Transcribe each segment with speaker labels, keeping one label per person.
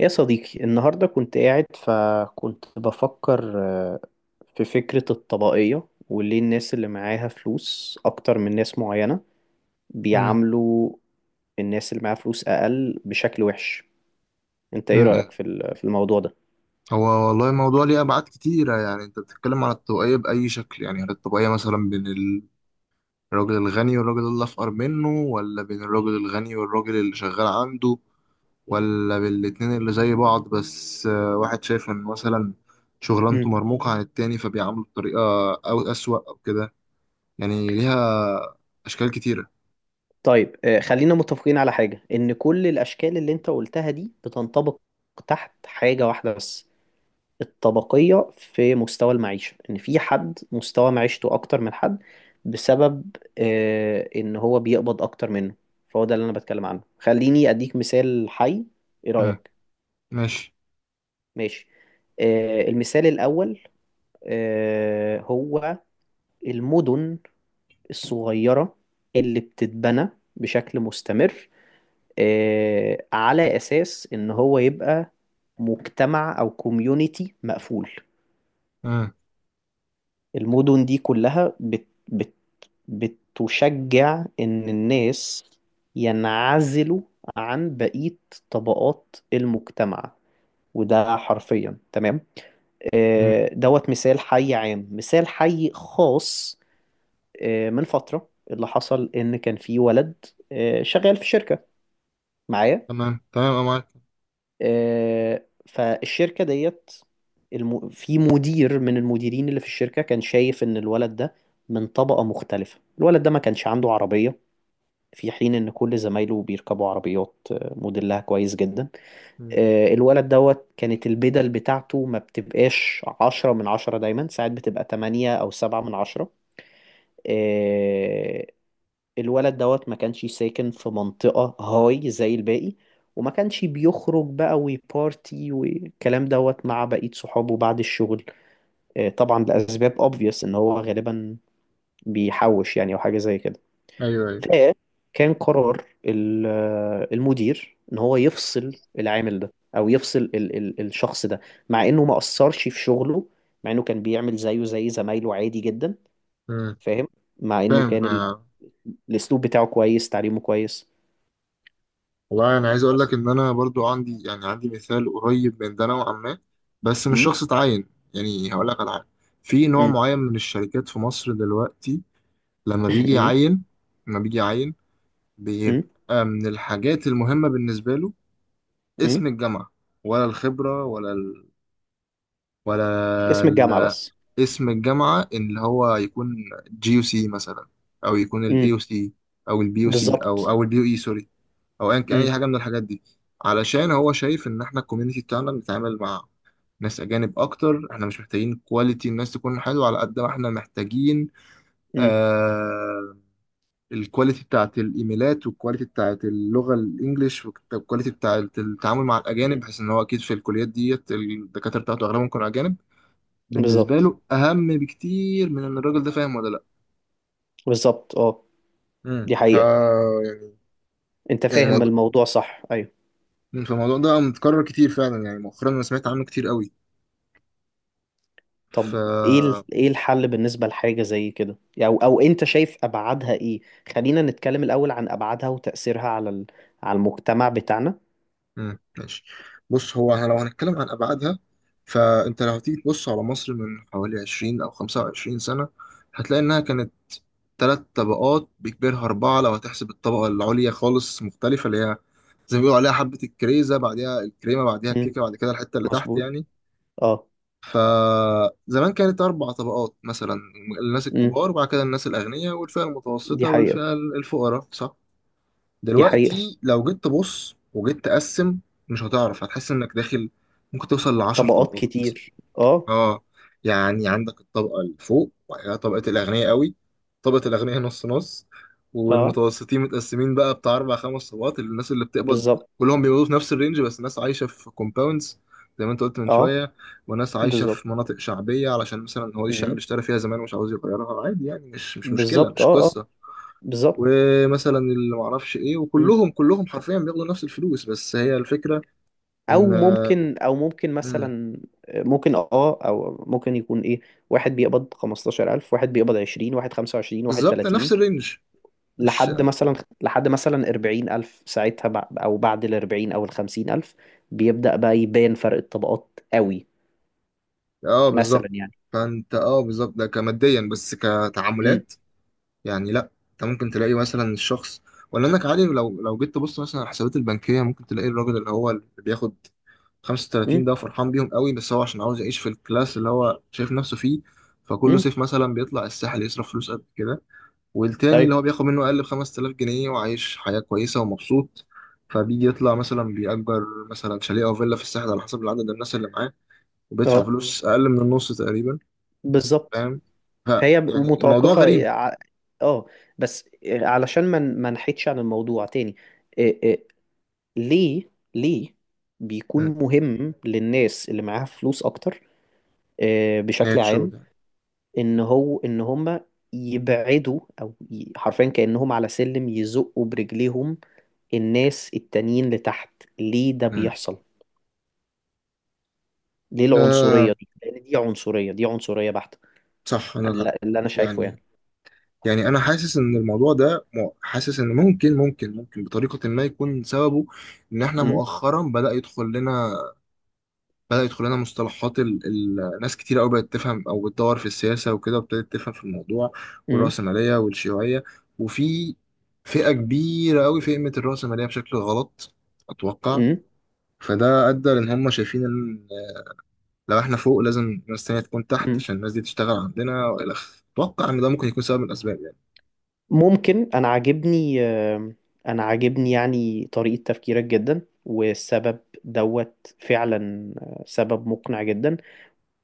Speaker 1: يا صديقي النهاردة كنت قاعد فكنت بفكر في فكرة الطبقية وليه الناس اللي معاها فلوس أكتر من ناس معينة
Speaker 2: مم.
Speaker 1: بيعاملوا الناس اللي معاها فلوس أقل بشكل وحش. أنت إيه رأيك
Speaker 2: مم.
Speaker 1: في في الموضوع ده؟
Speaker 2: هو، والله الموضوع ليه أبعاد كتيرة. يعني أنت بتتكلم عن الطبقية بأي شكل؟ يعني هل الطبقية مثلا بين الراجل الغني والراجل اللي أفقر منه، ولا بين الراجل الغني والراجل اللي شغال عنده، ولا بين الاتنين اللي زي بعض بس واحد شايف إن مثلا شغلانته
Speaker 1: مم.
Speaker 2: مرموقة عن التاني فبيعامله بطريقة أو أسوأ أو كده. يعني ليها أشكال كتيرة.
Speaker 1: طيب، خلينا متفقين على حاجة، إن كل الأشكال اللي أنت قلتها دي بتنطبق تحت حاجة واحدة بس: الطبقية في مستوى المعيشة، إن في حد مستوى معيشته أكتر من حد بسبب إن هو بيقبض أكتر منه. فهو ده اللي أنا بتكلم عنه. خليني أديك مثال حي. إيه
Speaker 2: مم.
Speaker 1: رأيك؟
Speaker 2: ماشي.
Speaker 1: ماشي. المثال الأول، هو المدن الصغيرة اللي بتتبنى بشكل مستمر على أساس إن هو يبقى مجتمع أو كوميونيتي مقفول.
Speaker 2: مم.
Speaker 1: المدن دي كلها بت بت بتشجع إن الناس ينعزلوا عن بقية طبقات المجتمع، وده حرفيا تمام.
Speaker 2: مم.
Speaker 1: دوت مثال حي عام. مثال حي خاص: من فترة اللي حصل إن كان في ولد شغال في شركة معايا.
Speaker 2: تمام تمام، أنا معاك.
Speaker 1: فالشركة ديت، في مدير من المديرين اللي في الشركة كان شايف إن الولد ده من طبقة مختلفة. الولد ده ما كانش عنده عربية في حين ان كل زمايله بيركبوا عربيات موديلها كويس جدا.
Speaker 2: مم.
Speaker 1: الولد دوت كانت البدل بتاعته ما بتبقاش عشرة من عشرة دايما، ساعات بتبقى تمانية او سبعة من عشرة. آه، الولد دوت ما كانش ساكن في منطقة هاي زي الباقي، وما كانش بيخرج بقى وبارتي والكلام دوت مع بقية صحابه بعد الشغل طبعا لأسباب obvious ان هو غالبا بيحوش يعني او حاجة زي كده.
Speaker 2: أيوه أيوه.
Speaker 1: فكان قرار المدير ان هو يفصل العامل ده، او يفصل ال ال الشخص ده، مع انه ما اثرش في شغله، مع انه كان بيعمل زيه زي زمايله عادي جدا.
Speaker 2: مم.
Speaker 1: فاهم. مع انه
Speaker 2: فاهم
Speaker 1: كان
Speaker 2: آه.
Speaker 1: الاسلوب بتاعه كويس، تعليمه كويس،
Speaker 2: والله انا عايز اقول
Speaker 1: بس.
Speaker 2: لك ان انا برضو عندي، يعني عندي مثال قريب من ده نوعا ما، بس مش
Speaker 1: امم
Speaker 2: شخص اتعين. يعني هقول لك على حاجه. في نوع
Speaker 1: امم
Speaker 2: معين من الشركات في مصر دلوقتي لما بيجي
Speaker 1: امم
Speaker 2: يعين، لما بيجي يعين
Speaker 1: امم
Speaker 2: بيبقى من الحاجات المهمه بالنسبه له اسم
Speaker 1: امم
Speaker 2: الجامعه ولا الخبره ولا
Speaker 1: اسم الجامعة
Speaker 2: ال...
Speaker 1: بس.
Speaker 2: اسم الجامعه اللي هو يكون جي يو سي مثلا، او يكون الاي يو
Speaker 1: امم.
Speaker 2: سي، او البي يو سي او
Speaker 1: بالظبط.
Speaker 2: او البي يو اي، سوري، او ايا كان اي
Speaker 1: امم.
Speaker 2: حاجه من الحاجات دي. علشان هو شايف ان احنا الكوميونتي بتاعنا بنتعامل مع ناس اجانب اكتر، احنا مش محتاجين كواليتي الناس تكون حلوه على قد ما احنا محتاجين
Speaker 1: امم.
Speaker 2: آه الكواليتي بتاعت الايميلات والكواليتي بتاعت اللغه الانجليش والكواليتي بتاعت التعامل مع الاجانب،
Speaker 1: أمم.
Speaker 2: بحيث ان هو اكيد في الكليات ديت الدكاتره بتاعته اغلبهم كانوا اجانب. بالنسبه
Speaker 1: بالظبط.
Speaker 2: له اهم بكتير من ان الراجل ده فاهم ولا لا.
Speaker 1: بالظبط اه. دي
Speaker 2: ف
Speaker 1: حقيقة.
Speaker 2: يعني
Speaker 1: انت
Speaker 2: يعني
Speaker 1: فاهم
Speaker 2: الموضوع
Speaker 1: الموضوع صح، ايوه.
Speaker 2: فالموضوع ده متكرر كتير فعلا. يعني مؤخرا انا سمعت عنه كتير قوي. ف
Speaker 1: طب، ايه ايه الحل بالنسبة لحاجة زي كده؟ او انت شايف ابعادها ايه؟ خلينا نتكلم الاول عن ابعادها وتأثيرها على على المجتمع بتاعنا.
Speaker 2: ماشي. بص، هو احنا لو هنتكلم عن ابعادها، فانت لو هتيجي تبص على مصر من حوالي 20 او 25 سنه، هتلاقي انها كانت ثلاث طبقات بكبرها اربعه لو هتحسب الطبقه العليا خالص مختلفه، اللي هي زي ما بيقولوا عليها حبه الكريزه، بعديها الكريمه، بعديها
Speaker 1: امم،
Speaker 2: الكيكه، بعد كده الحته اللي تحت
Speaker 1: مظبوط
Speaker 2: يعني.
Speaker 1: اه.
Speaker 2: فزمان كانت اربع طبقات مثلا: الناس
Speaker 1: امم،
Speaker 2: الكبار، وبعد كده الناس الاغنياء، والفئه
Speaker 1: دي
Speaker 2: المتوسطه،
Speaker 1: حقيقة.
Speaker 2: والفئه الفقراء، صح؟
Speaker 1: دي حقيقة.
Speaker 2: دلوقتي لو جيت تبص وجيت تقسم، مش هتعرف، هتحس انك داخل، ممكن توصل لعشر
Speaker 1: طبقات
Speaker 2: طبقات
Speaker 1: كتير اه.
Speaker 2: اه، يعني عندك الطبقة اللي فوق، وبعد كده طبقة الأغنياء قوي، طبقة الأغنياء نص نص،
Speaker 1: اه،
Speaker 2: والمتوسطين متقسمين بقى بتاع أربع خمس طبقات. الناس اللي بتقبض
Speaker 1: بالظبط.
Speaker 2: كلهم بيقبضوا في نفس الرينج، بس ناس عايشة في كومباوندز زي ما أنت قلت من
Speaker 1: اه،
Speaker 2: شوية، وناس عايشة
Speaker 1: بالظبط.
Speaker 2: في مناطق شعبية علشان مثلا هو دي الشقة اللي
Speaker 1: امم،
Speaker 2: اشترى فيها زمان ومش عاوز يغيرها. عادي يعني، مش مشكلة،
Speaker 1: بالظبط.
Speaker 2: مش
Speaker 1: اه اه،
Speaker 2: قصة.
Speaker 1: بالظبط.
Speaker 2: ومثلا اللي معرفش ايه.
Speaker 1: امم.
Speaker 2: وكلهم حرفيا بياخدوا نفس الفلوس. بس هي الفكرة ان
Speaker 1: او ممكن
Speaker 2: مم.
Speaker 1: مثلا، ممكن اه، او ممكن يكون ايه: واحد بيقبض 15000، واحد بيقبض 20، واحد 25، واحد
Speaker 2: بالظبط، نفس
Speaker 1: 30،
Speaker 2: الرينج. مش،
Speaker 1: لحد مثلا، 40000، ساعتها أو بعد ال 40 أو ال 50000 بيبدأ بقى يبان فرق الطبقات قوي،
Speaker 2: اه بالظبط.
Speaker 1: مثلا يعني.
Speaker 2: فانت بالظبط، ده كماديا بس
Speaker 1: امم.
Speaker 2: كتعاملات. يعني لا، انت ممكن تلاقي مثلا الشخص، ولا انك عادي، لو جيت تبص مثلا على الحسابات البنكية ممكن تلاقي الراجل اللي هو اللي بياخد 35
Speaker 1: امم.
Speaker 2: ده فرحان بيهم قوي، بس هو عشان عاوز يعيش في الكلاس اللي هو شايف نفسه فيه. فكل
Speaker 1: امم.
Speaker 2: صيف مثلا بيطلع الساحل يصرف فلوس قد كده. والتاني اللي
Speaker 1: أيوه.
Speaker 2: هو بياخد منه أقل ب 5000 جنيه وعايش حياة كويسة ومبسوط، فبيجي يطلع مثلا بيأجر مثلا شاليه أو فيلا في الساحل على حسب العدد الناس اللي معاه، وبيدفع
Speaker 1: أه،
Speaker 2: فلوس أقل من النص تقريبا.
Speaker 1: بالظبط.
Speaker 2: فاهم؟ ف
Speaker 1: فهي
Speaker 2: يعني الموضوع
Speaker 1: متوقفة
Speaker 2: غريب.
Speaker 1: أه. بس علشان ما نحيدش عن الموضوع تاني. إيه ليه بيكون
Speaker 2: مم.
Speaker 1: مهم للناس اللي معاها فلوس أكتر بشكل
Speaker 2: نهاية شو
Speaker 1: عام،
Speaker 2: ده.
Speaker 1: ان هو ان هم يبعدوا حرفيا كأنهم على سلم يزقوا برجليهم الناس التانيين لتحت؟ ليه ده
Speaker 2: مم.
Speaker 1: بيحصل؟ ليه
Speaker 2: آه
Speaker 1: العنصرية دي؟ لان دي عنصرية، دي عنصرية بحتة
Speaker 2: صح.
Speaker 1: اللي انا شايفه
Speaker 2: يعني
Speaker 1: يعني.
Speaker 2: يعني أنا حاسس إن الموضوع ده حاسس إن ممكن بطريقة ما يكون سببه إن إحنا
Speaker 1: م؟
Speaker 2: مؤخرا بدأ يدخل لنا مصطلحات ناس كتير قوي بقت تفهم او بتدور في السياسه وكده وابتدت تفهم في الموضوع
Speaker 1: م؟
Speaker 2: والرأسماليه والشيوعيه. وفي فئه كبيره قوي فهمت الرأسماليه بشكل غلط، اتوقع.
Speaker 1: م؟
Speaker 2: فده ادى لان هم شايفين ان لو احنا فوق لازم ناس تانية تكون تحت
Speaker 1: م؟
Speaker 2: عشان الناس دي تشتغل عندنا، والى اخره. اتوقع ان ده ممكن يكون سبب من الاسباب يعني.
Speaker 1: ممكن. انا عاجبني، يعني طريقة تفكيرك جدا، والسبب دوت فعلا سبب مقنع جدا.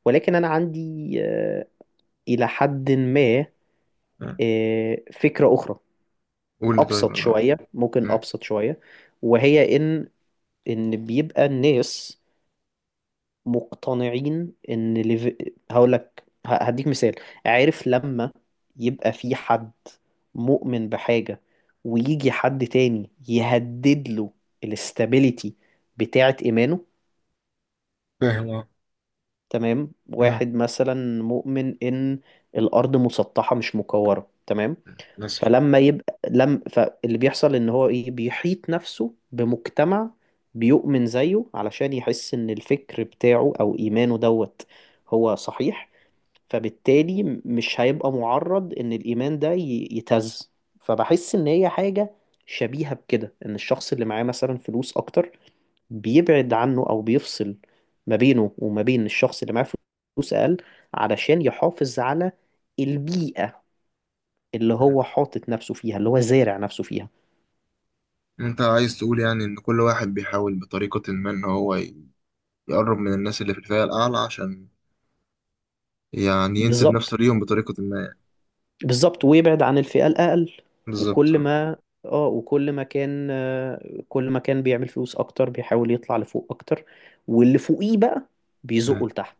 Speaker 1: ولكن انا عندي الى حد ما
Speaker 2: آه.
Speaker 1: فكرة اخرى.
Speaker 2: قول لي، طيب
Speaker 1: ابسط
Speaker 2: انا.
Speaker 1: شويه ممكن
Speaker 2: آه.
Speaker 1: ابسط شويه وهي ان بيبقى الناس مقتنعين ان هقول لك، هديك مثال. عارف لما يبقى في حد مؤمن بحاجه، ويجي حد تاني يهدد له الاستابيليتي بتاعه، ايمانه.
Speaker 2: فاهم اه.
Speaker 1: تمام.
Speaker 2: آه.
Speaker 1: واحد مثلا مؤمن ان الارض مسطحه مش مكوره. تمام.
Speaker 2: بس.
Speaker 1: فلما يبقى لم فاللي بيحصل ان هو ايه، بيحيط نفسه بمجتمع بيؤمن زيه، علشان يحس ان الفكر بتاعه او ايمانه دوت هو صحيح، فبالتالي مش هيبقى معرض ان الايمان ده يتهز. فبحس ان هي حاجة شبيهة بكده، ان الشخص اللي معاه مثلا فلوس اكتر بيبعد عنه، او بيفصل ما بينه وما بين الشخص اللي معاه فلوس اقل، علشان يحافظ على البيئة اللي
Speaker 2: آه.
Speaker 1: هو حاطط نفسه فيها، اللي هو زارع نفسه فيها.
Speaker 2: انت عايز تقول يعني ان كل واحد بيحاول بطريقة ما ان هو يقرب من الناس اللي في الفئة الأعلى، عشان يعني ينسب نفسه
Speaker 1: بالظبط.
Speaker 2: ليهم بطريقة ما يعني.
Speaker 1: بالظبط، ويبعد عن الفئة الأقل.
Speaker 2: بالظبط
Speaker 1: وكل
Speaker 2: اه
Speaker 1: ما اه وكل ما كان آه، كل ما كان بيعمل فلوس أكتر بيحاول يطلع لفوق أكتر، واللي فوقيه بقى
Speaker 2: اه.
Speaker 1: بيزقه لتحت.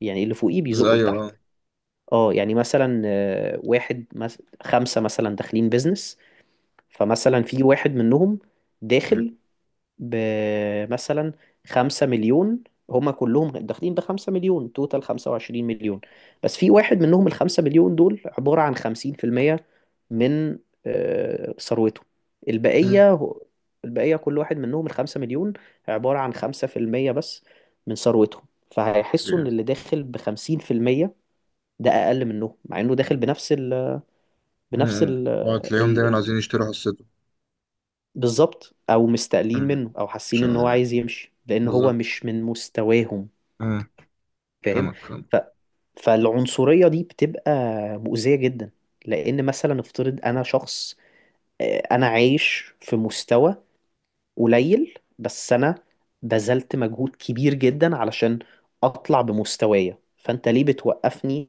Speaker 1: يعني اللي فوقيه
Speaker 2: زي
Speaker 1: بيزقه
Speaker 2: أيوه
Speaker 1: لتحت.
Speaker 2: اه.
Speaker 1: اه، يعني مثلا واحد خمسة مثلا داخلين بيزنس، فمثلا في واحد منهم
Speaker 2: اه.
Speaker 1: داخل بمثلا خمسة مليون. هما كلهم داخلين بخمسة مليون، توتال خمسة وعشرين مليون، بس في واحد منهم الخمسة مليون دول عبارة عن خمسين في المية من ثروته.
Speaker 2: اه.
Speaker 1: البقية هو- البقية كل واحد منهم الخمسة مليون عبارة عن خمسة في المية بس من ثروتهم. فهيحسوا إن اللي
Speaker 2: اه.
Speaker 1: داخل بخمسين في المية ده أقل منهم، مع إنه داخل بنفس
Speaker 2: اه، اه. تلاقيهم دايما
Speaker 1: ال.
Speaker 2: عايزين يشتروا حصته.
Speaker 1: بالظبط، او مستقلين
Speaker 2: اه،
Speaker 1: منه، او حاسين
Speaker 2: مش
Speaker 1: ان هو
Speaker 2: عارف.
Speaker 1: عايز يمشي لان هو
Speaker 2: بالظبط
Speaker 1: مش من مستواهم.
Speaker 2: اه.
Speaker 1: فاهم.
Speaker 2: فاهمك فاهمك.
Speaker 1: ف... فالعنصرية دي بتبقى مؤذية جدا، لان مثلا افترض انا شخص انا عايش في مستوى قليل، بس انا بذلت مجهود كبير جدا علشان اطلع بمستوايا، فانت ليه بتوقفني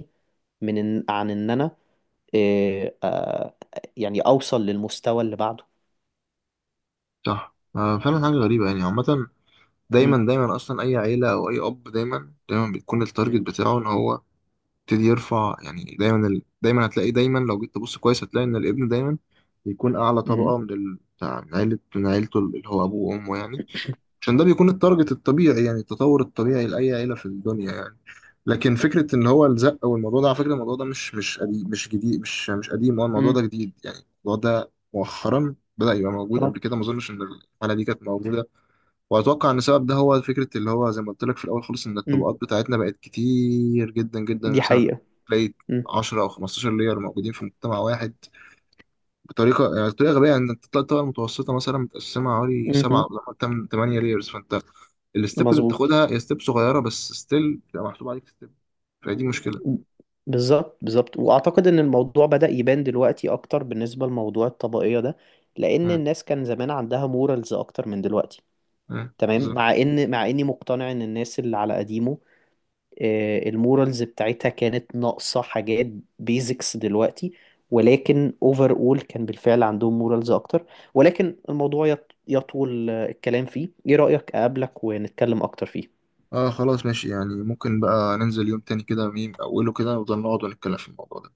Speaker 1: من عن ان انا آه، آه، يعني اوصل للمستوى اللي بعده؟
Speaker 2: صح فعلا حاجة غريبة يعني عامة.
Speaker 1: امم.
Speaker 2: دايما دايما أصلا أي عيلة أو أي أب، دايما دايما بيكون التارجت بتاعه إن هو يبتدي يرفع. يعني دايما دايما هتلاقي، دايما لو جيت تبص كويس هتلاقي إن الابن دايما بيكون أعلى
Speaker 1: امم.
Speaker 2: طبقة من ال... بتاع- من عيلة من عيلته اللي هو أبوه وأمه يعني. عشان ده بيكون التارجت الطبيعي، يعني التطور الطبيعي لأي عيلة في الدنيا يعني. لكن فكرة إن هو الزق، والموضوع ده على فكرة، الموضوع ده مش قديم، مش جديد، مش قديم، هو الموضوع ده
Speaker 1: امم
Speaker 2: جديد يعني. الموضوع ده مؤخرا بدأ يبقى موجود،
Speaker 1: اه.
Speaker 2: قبل كده ما أظنش إن الحالة دي كانت موجودة. وأتوقع إن السبب ده هو فكرة اللي هو زي ما قلت لك في الأول خالص، إن
Speaker 1: م-
Speaker 2: الطبقات بتاعتنا بقت كتير جدا جدا.
Speaker 1: دي
Speaker 2: مثلا
Speaker 1: حقيقة.
Speaker 2: تلاقي
Speaker 1: مم.
Speaker 2: 10 أو 15 لير موجودين في مجتمع واحد بطريقه، يعني بطريقه غبيه. يعني انت تطلع الطبقه المتوسطه مثلا متقسمه حوالي سبعه
Speaker 1: مهم.
Speaker 2: او حتى ثمانيه لايرز. فانت الستيب اللي
Speaker 1: مظبوط.
Speaker 2: بتاخدها هي ستيب صغيره، بس ستيل بتبقى محسوب عليك ستيب. فدي مشكله.
Speaker 1: بالظبط. بالظبط، واعتقد ان الموضوع بدأ يبان دلوقتي اكتر بالنسبة لموضوع الطبقية ده، لان
Speaker 2: مم.
Speaker 1: الناس كان زمان عندها مورالز اكتر من دلوقتي.
Speaker 2: مم.
Speaker 1: تمام. مع
Speaker 2: بالظبط.
Speaker 1: ان، مع اني مقتنع ان الناس اللي على قديمه المورالز بتاعتها كانت ناقصة حاجات بيزكس دلوقتي، ولكن اوفر اول كان بالفعل عندهم مورالز اكتر. ولكن الموضوع يطول الكلام فيه. ايه رأيك اقابلك ونتكلم اكتر فيه؟
Speaker 2: اه خلاص ماشي، يعني ممكن بقى ننزل يوم تاني كده، ميم اوله كده، ونفضل نقعد ونتكلم في الموضوع ده.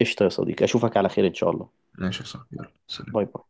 Speaker 1: قشطة يا صديقي، اشوفك على خير ان شاء الله.
Speaker 2: ماشي يا صاحبي، يلا سلام.
Speaker 1: باي باي.